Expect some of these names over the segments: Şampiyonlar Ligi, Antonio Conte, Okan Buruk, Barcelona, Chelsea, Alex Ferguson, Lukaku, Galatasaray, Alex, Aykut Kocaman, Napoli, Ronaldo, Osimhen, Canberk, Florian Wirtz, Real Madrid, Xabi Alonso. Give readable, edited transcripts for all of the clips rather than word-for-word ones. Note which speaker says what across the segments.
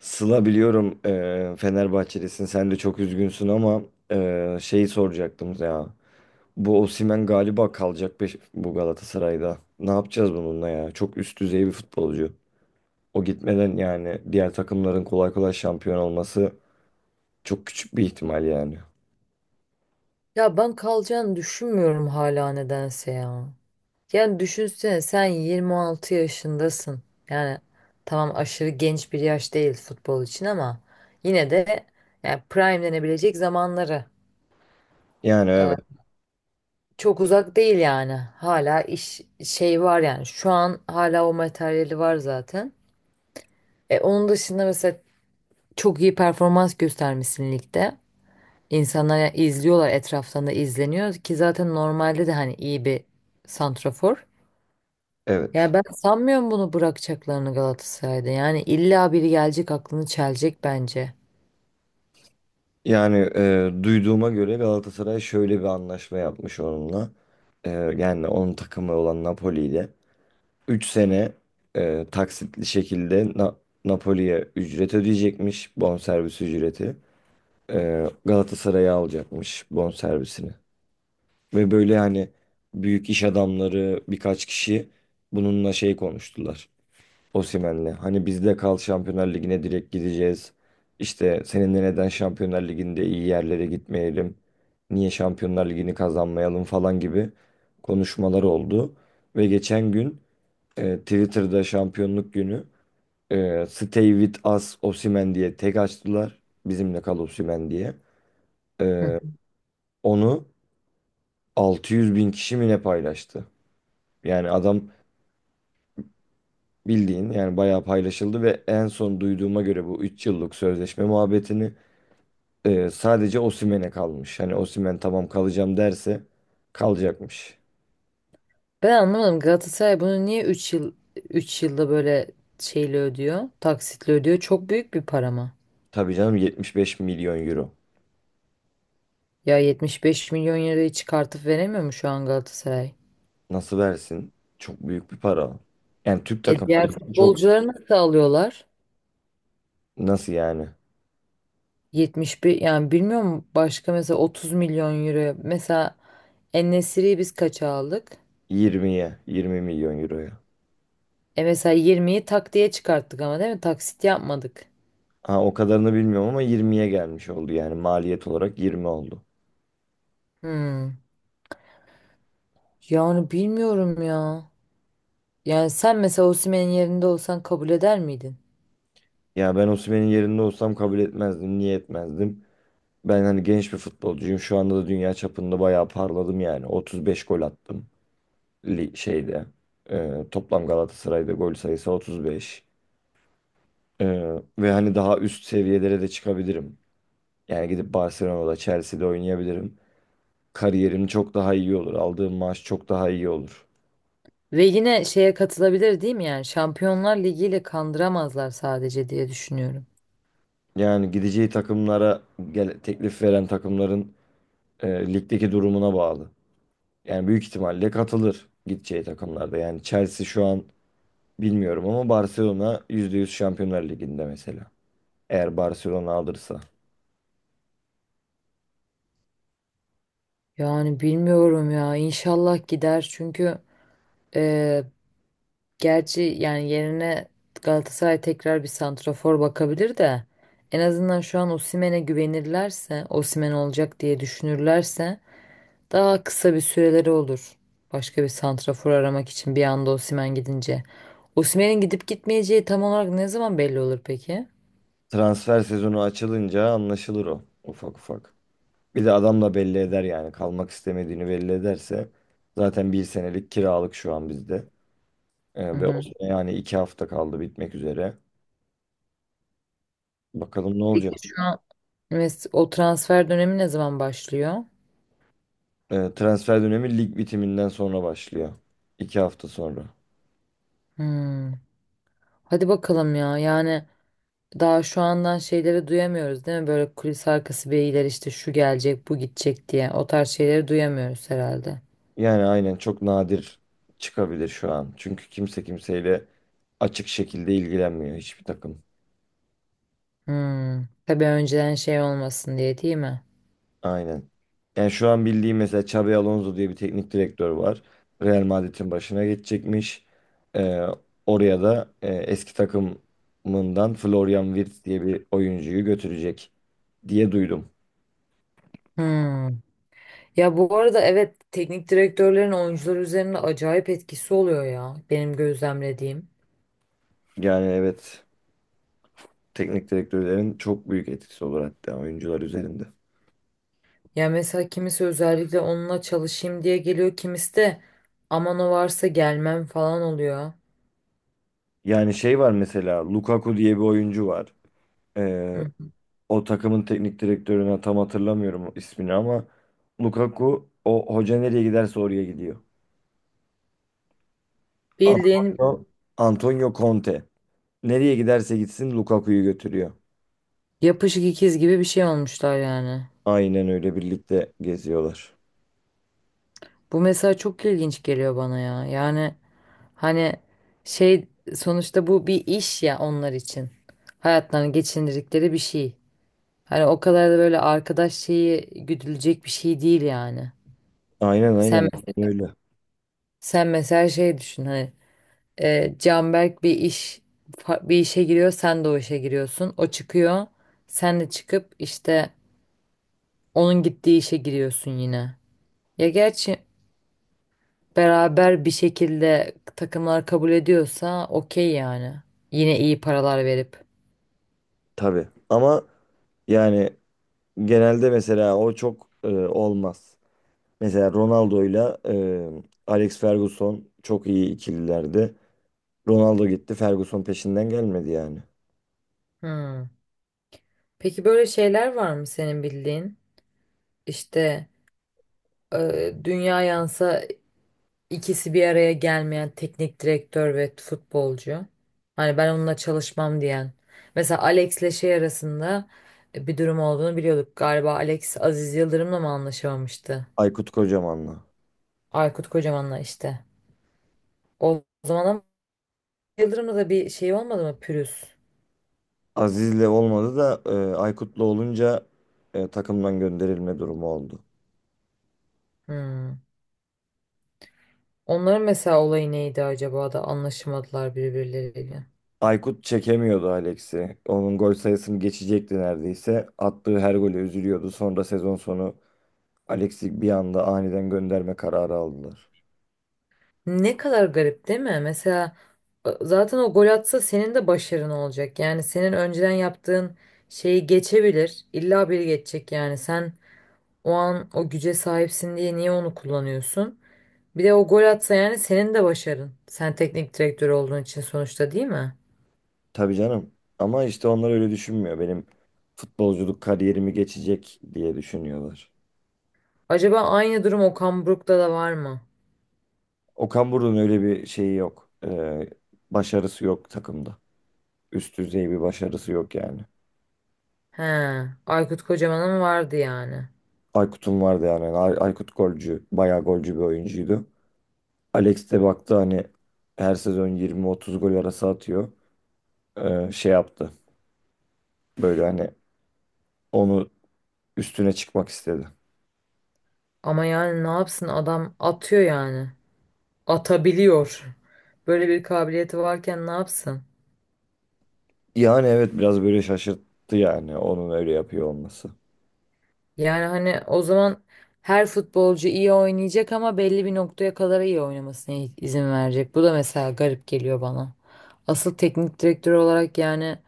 Speaker 1: Sıla biliyorum Fenerbahçelisin. Sen de çok üzgünsün ama şeyi soracaktım ya. Bu Osimhen galiba kalacak bu Galatasaray'da. Ne yapacağız bununla ya? Çok üst düzey bir futbolcu. O gitmeden yani diğer takımların kolay kolay şampiyon olması çok küçük bir ihtimal yani.
Speaker 2: Ya ben kalacağını düşünmüyorum hala nedense ya. Yani düşünsene sen 26 yaşındasın. Yani tamam aşırı genç bir yaş değil futbol için ama yine de yani prime denebilecek zamanları.
Speaker 1: Yani
Speaker 2: Ee,
Speaker 1: evet,
Speaker 2: Çok uzak değil yani. Hala iş şey var yani. Şu an hala o materyali var zaten. Onun dışında mesela çok iyi performans göstermişsin ligde. İnsanlar izliyorlar, etraftan da izleniyor ki zaten, normalde de hani iyi bir santrafor.
Speaker 1: evet.
Speaker 2: Ya ben sanmıyorum bunu bırakacaklarını Galatasaray'da. Yani illa biri gelecek aklını çelecek bence.
Speaker 1: Yani duyduğuma göre Galatasaray şöyle bir anlaşma yapmış onunla. E, yani onun takımı olan Napoli ile. 3 sene taksitli şekilde Napoli'ye ücret ödeyecekmiş, bonservis ücreti. E, Galatasaray'a alacakmış bonservisini. Ve böyle hani büyük iş adamları birkaç kişi bununla şey konuştular. Osimhen'le. Hani bizde kal, Şampiyonlar Ligi'ne direkt gideceğiz. İşte seninle neden Şampiyonlar Ligi'nde iyi yerlere gitmeyelim? Niye Şampiyonlar Ligi'ni kazanmayalım falan gibi konuşmalar oldu. Ve geçen gün Twitter'da şampiyonluk günü "Stay with us Osimhen" diye tek açtılar. Bizimle kal Osimhen diye.
Speaker 2: Hı.
Speaker 1: E, onu 600 bin kişi mi ne paylaştı? Yani adam bildiğin yani bayağı paylaşıldı ve en son duyduğuma göre bu 3 yıllık sözleşme muhabbetini sadece Osimhen'e kalmış. Hani Osimhen tamam kalacağım derse kalacakmış.
Speaker 2: Ben anlamadım, Galatasaray bunu niye 3 yıl, 3 yılda böyle şeyle ödüyor? Taksitle ödüyor. Çok büyük bir para mı?
Speaker 1: Tabii canım, 75 milyon euro.
Speaker 2: Ya 75 milyon lirayı çıkartıp veremiyor mu şu an Galatasaray?
Speaker 1: Nasıl versin? Çok büyük bir para. Yani Türk
Speaker 2: E
Speaker 1: takımları
Speaker 2: diğer
Speaker 1: için çok.
Speaker 2: futbolcuları nasıl alıyorlar?
Speaker 1: Nasıl yani?
Speaker 2: 71, yani bilmiyorum, başka mesela 30 milyon euro. Mesela en biz kaça aldık?
Speaker 1: Yirmiye, 20 milyon euroya.
Speaker 2: E mesela 20'yi tak diye çıkarttık ama, değil mi? Taksit yapmadık.
Speaker 1: Ha, o kadarını bilmiyorum ama yirmiye gelmiş oldu, yani maliyet olarak 20 oldu.
Speaker 2: Hmm. Yani bilmiyorum ya. Yani sen mesela Osimhen'in yerinde olsan kabul eder miydin?
Speaker 1: Ya ben Osimhen'in yerinde olsam kabul etmezdim. Niye etmezdim? Ben hani genç bir futbolcuyum. Şu anda da dünya çapında bayağı parladım yani. 35 gol attım şeyde. Toplam Galatasaray'da gol sayısı 35. Ee, ve hani daha üst seviyelere de çıkabilirim. Yani gidip Barcelona'da, Chelsea'de oynayabilirim. Kariyerim çok daha iyi olur. Aldığım maaş çok daha iyi olur.
Speaker 2: Ve yine şeye katılabilir değil mi yani? Şampiyonlar Ligi ile kandıramazlar sadece diye düşünüyorum.
Speaker 1: Yani gideceği takımlara gel, teklif veren takımların ligdeki durumuna bağlı. Yani büyük ihtimalle katılır gideceği takımlarda. Yani Chelsea şu an bilmiyorum ama Barcelona %100 Şampiyonlar Ligi'nde mesela. Eğer Barcelona alırsa.
Speaker 2: Yani bilmiyorum ya. İnşallah gider çünkü e, gerçi yani yerine Galatasaray tekrar bir santrafor bakabilir de, en azından şu an Osimhen'e güvenirlerse, Osimhen olacak diye düşünürlerse daha kısa bir süreleri olur. Başka bir santrafor aramak için bir anda Osimhen gidince. Osimhen'in gidip gitmeyeceği tam olarak ne zaman belli olur peki?
Speaker 1: Transfer sezonu açılınca anlaşılır o, ufak ufak. Bir de adam da belli eder yani, kalmak istemediğini belli ederse. Zaten bir senelik kiralık şu an bizde.
Speaker 2: Hı
Speaker 1: Ve o
Speaker 2: hı.
Speaker 1: sene, yani iki hafta kaldı bitmek üzere. Bakalım ne olacak.
Speaker 2: Peki şu an o transfer dönemi ne zaman başlıyor?
Speaker 1: E, transfer dönemi lig bitiminden sonra başlıyor. İki hafta sonra.
Speaker 2: Hmm. Hadi bakalım ya. Yani daha şu andan şeyleri duyamıyoruz değil mi? Böyle kulis arkası beyler işte şu gelecek, bu gidecek diye. O tarz şeyleri duyamıyoruz herhalde.
Speaker 1: Yani aynen, çok nadir çıkabilir şu an. Çünkü kimse kimseyle açık şekilde ilgilenmiyor, hiçbir takım.
Speaker 2: Hmm. Tabii önceden şey olmasın diye, değil mi?
Speaker 1: Aynen. Yani şu an bildiğim mesela Xabi Alonso diye bir teknik direktör var. Real Madrid'in başına geçecekmiş. E, oraya da eski takımından Florian Wirtz diye bir oyuncuyu götürecek diye duydum.
Speaker 2: Hmm. Ya bu arada evet, teknik direktörlerin oyuncular üzerinde acayip etkisi oluyor ya, benim gözlemlediğim.
Speaker 1: Yani evet, teknik direktörlerin çok büyük etkisi olur hatta oyuncular üzerinde.
Speaker 2: Ya mesela kimisi özellikle onunla çalışayım diye geliyor, kimisi de aman o varsa gelmem falan oluyor.
Speaker 1: Yani şey var, mesela Lukaku diye bir oyuncu var. Ee,
Speaker 2: Hı.
Speaker 1: o takımın teknik direktörüne tam hatırlamıyorum ismini ama Lukaku o hoca nereye giderse oraya gidiyor.
Speaker 2: Bildiğin
Speaker 1: Antonio, Antonio Conte. Nereye giderse gitsin Lukaku'yu götürüyor.
Speaker 2: yapışık ikiz gibi bir şey olmuşlar yani.
Speaker 1: Aynen öyle, birlikte geziyorlar.
Speaker 2: Bu mesela çok ilginç geliyor bana ya. Yani hani şey, sonuçta bu bir iş ya onlar için. Hayatlarını geçindirdikleri bir şey. Hani o kadar da böyle arkadaş şeyi güdülecek bir şey değil yani.
Speaker 1: Aynen, aynen,
Speaker 2: Sen
Speaker 1: aynen öyle.
Speaker 2: sen mesela şey düşün hani, Canberk bir iş, bir işe giriyor, sen de o işe giriyorsun. O çıkıyor, sen de çıkıp işte onun gittiği işe giriyorsun yine. Ya gerçi beraber bir şekilde takımlar kabul ediyorsa okey yani. Yine iyi paralar verip.
Speaker 1: Tabii. Ama yani genelde mesela o çok olmaz. Mesela Ronaldo'yla Alex Ferguson çok iyi ikililerdi. Ronaldo gitti. Ferguson peşinden gelmedi yani.
Speaker 2: Hmm. Peki böyle şeyler var mı senin bildiğin? İşte dünya yansa İkisi bir araya gelmeyen teknik direktör ve futbolcu. Hani ben onunla çalışmam diyen. Mesela Alex'le şey arasında bir durum olduğunu biliyorduk. Galiba Alex Aziz Yıldırım'la mı anlaşamamıştı?
Speaker 1: Aykut Kocaman'la.
Speaker 2: Aykut Kocaman'la işte. O zaman ama Yıldırım'la da bir şey olmadı mı? Pürüz.
Speaker 1: Aziz'le olmadı da Aykut'la olunca takımdan gönderilme durumu oldu.
Speaker 2: Hmm. Onların mesela olayı neydi acaba da anlaşamadılar birbirleriyle.
Speaker 1: Aykut çekemiyordu Alex'i. Onun gol sayısını geçecekti neredeyse. Attığı her gole üzülüyordu. Sonra sezon sonu Alex'i bir anda aniden gönderme kararı aldılar.
Speaker 2: Ne kadar garip değil mi? Mesela zaten o gol atsa senin de başarın olacak. Yani senin önceden yaptığın şeyi geçebilir. İlla biri geçecek yani. Sen o an o güce sahipsin diye niye onu kullanıyorsun? Bir de o gol atsa yani senin de başarın. Sen teknik direktör olduğun için sonuçta, değil mi?
Speaker 1: Tabii canım. Ama işte onlar öyle düşünmüyor. Benim futbolculuk kariyerimi geçecek diye düşünüyorlar.
Speaker 2: Acaba aynı durum Okan Buruk'ta da var mı?
Speaker 1: Okan Buruk'un öyle bir şeyi yok. Başarısı yok takımda. Üst düzey bir başarısı yok yani.
Speaker 2: He, Aykut Kocaman'ın vardı yani.
Speaker 1: Aykut'un vardı yani. Aykut golcü, bayağı golcü bir oyuncuydu. Alex de baktı hani her sezon 20-30 gol arası atıyor. Şey yaptı. Böyle hani onu üstüne çıkmak istedi.
Speaker 2: Ama yani ne yapsın, adam atıyor yani. Atabiliyor. Böyle bir kabiliyeti varken ne yapsın?
Speaker 1: Yani evet, biraz böyle şaşırttı yani onun öyle yapıyor olması.
Speaker 2: Yani hani o zaman her futbolcu iyi oynayacak ama belli bir noktaya kadar iyi oynamasına izin verecek. Bu da mesela garip geliyor bana. Asıl teknik direktör olarak yani,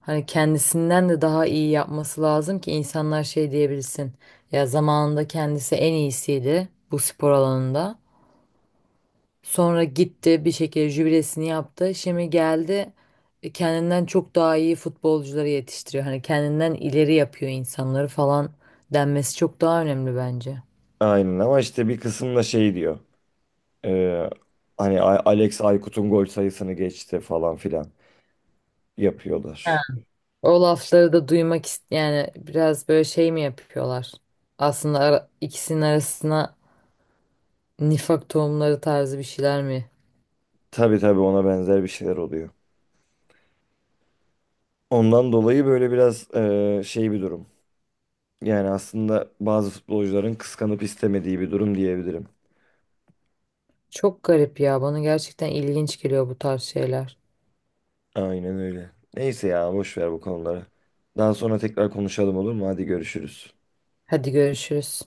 Speaker 2: hani kendisinden de daha iyi yapması lazım ki insanlar şey diyebilsin. Ya zamanında kendisi en iyisiydi bu spor alanında. Sonra gitti bir şekilde jübilesini yaptı. Şimdi geldi, kendinden çok daha iyi futbolcuları yetiştiriyor. Hani kendinden ileri yapıyor insanları falan denmesi çok daha önemli bence.
Speaker 1: Aynen ama işte bir kısım da şey diyor. Ee, hani Alex Aykut'un gol sayısını geçti falan filan
Speaker 2: Ha.
Speaker 1: yapıyorlar.
Speaker 2: O lafları da duymak ist, yani biraz böyle şey mi yapıyorlar? Aslında ikisinin arasına nifak tohumları tarzı bir şeyler mi?
Speaker 1: Tabii, tabii, ona benzer bir şeyler oluyor. Ondan dolayı böyle biraz şey bir durum. Yani aslında bazı futbolcuların kıskanıp istemediği bir durum diyebilirim.
Speaker 2: Çok garip ya. Bana gerçekten ilginç geliyor bu tarz şeyler.
Speaker 1: Aynen öyle. Neyse ya, boş ver bu konuları. Daha sonra tekrar konuşalım, olur mu? Hadi görüşürüz.
Speaker 2: Hadi görüşürüz.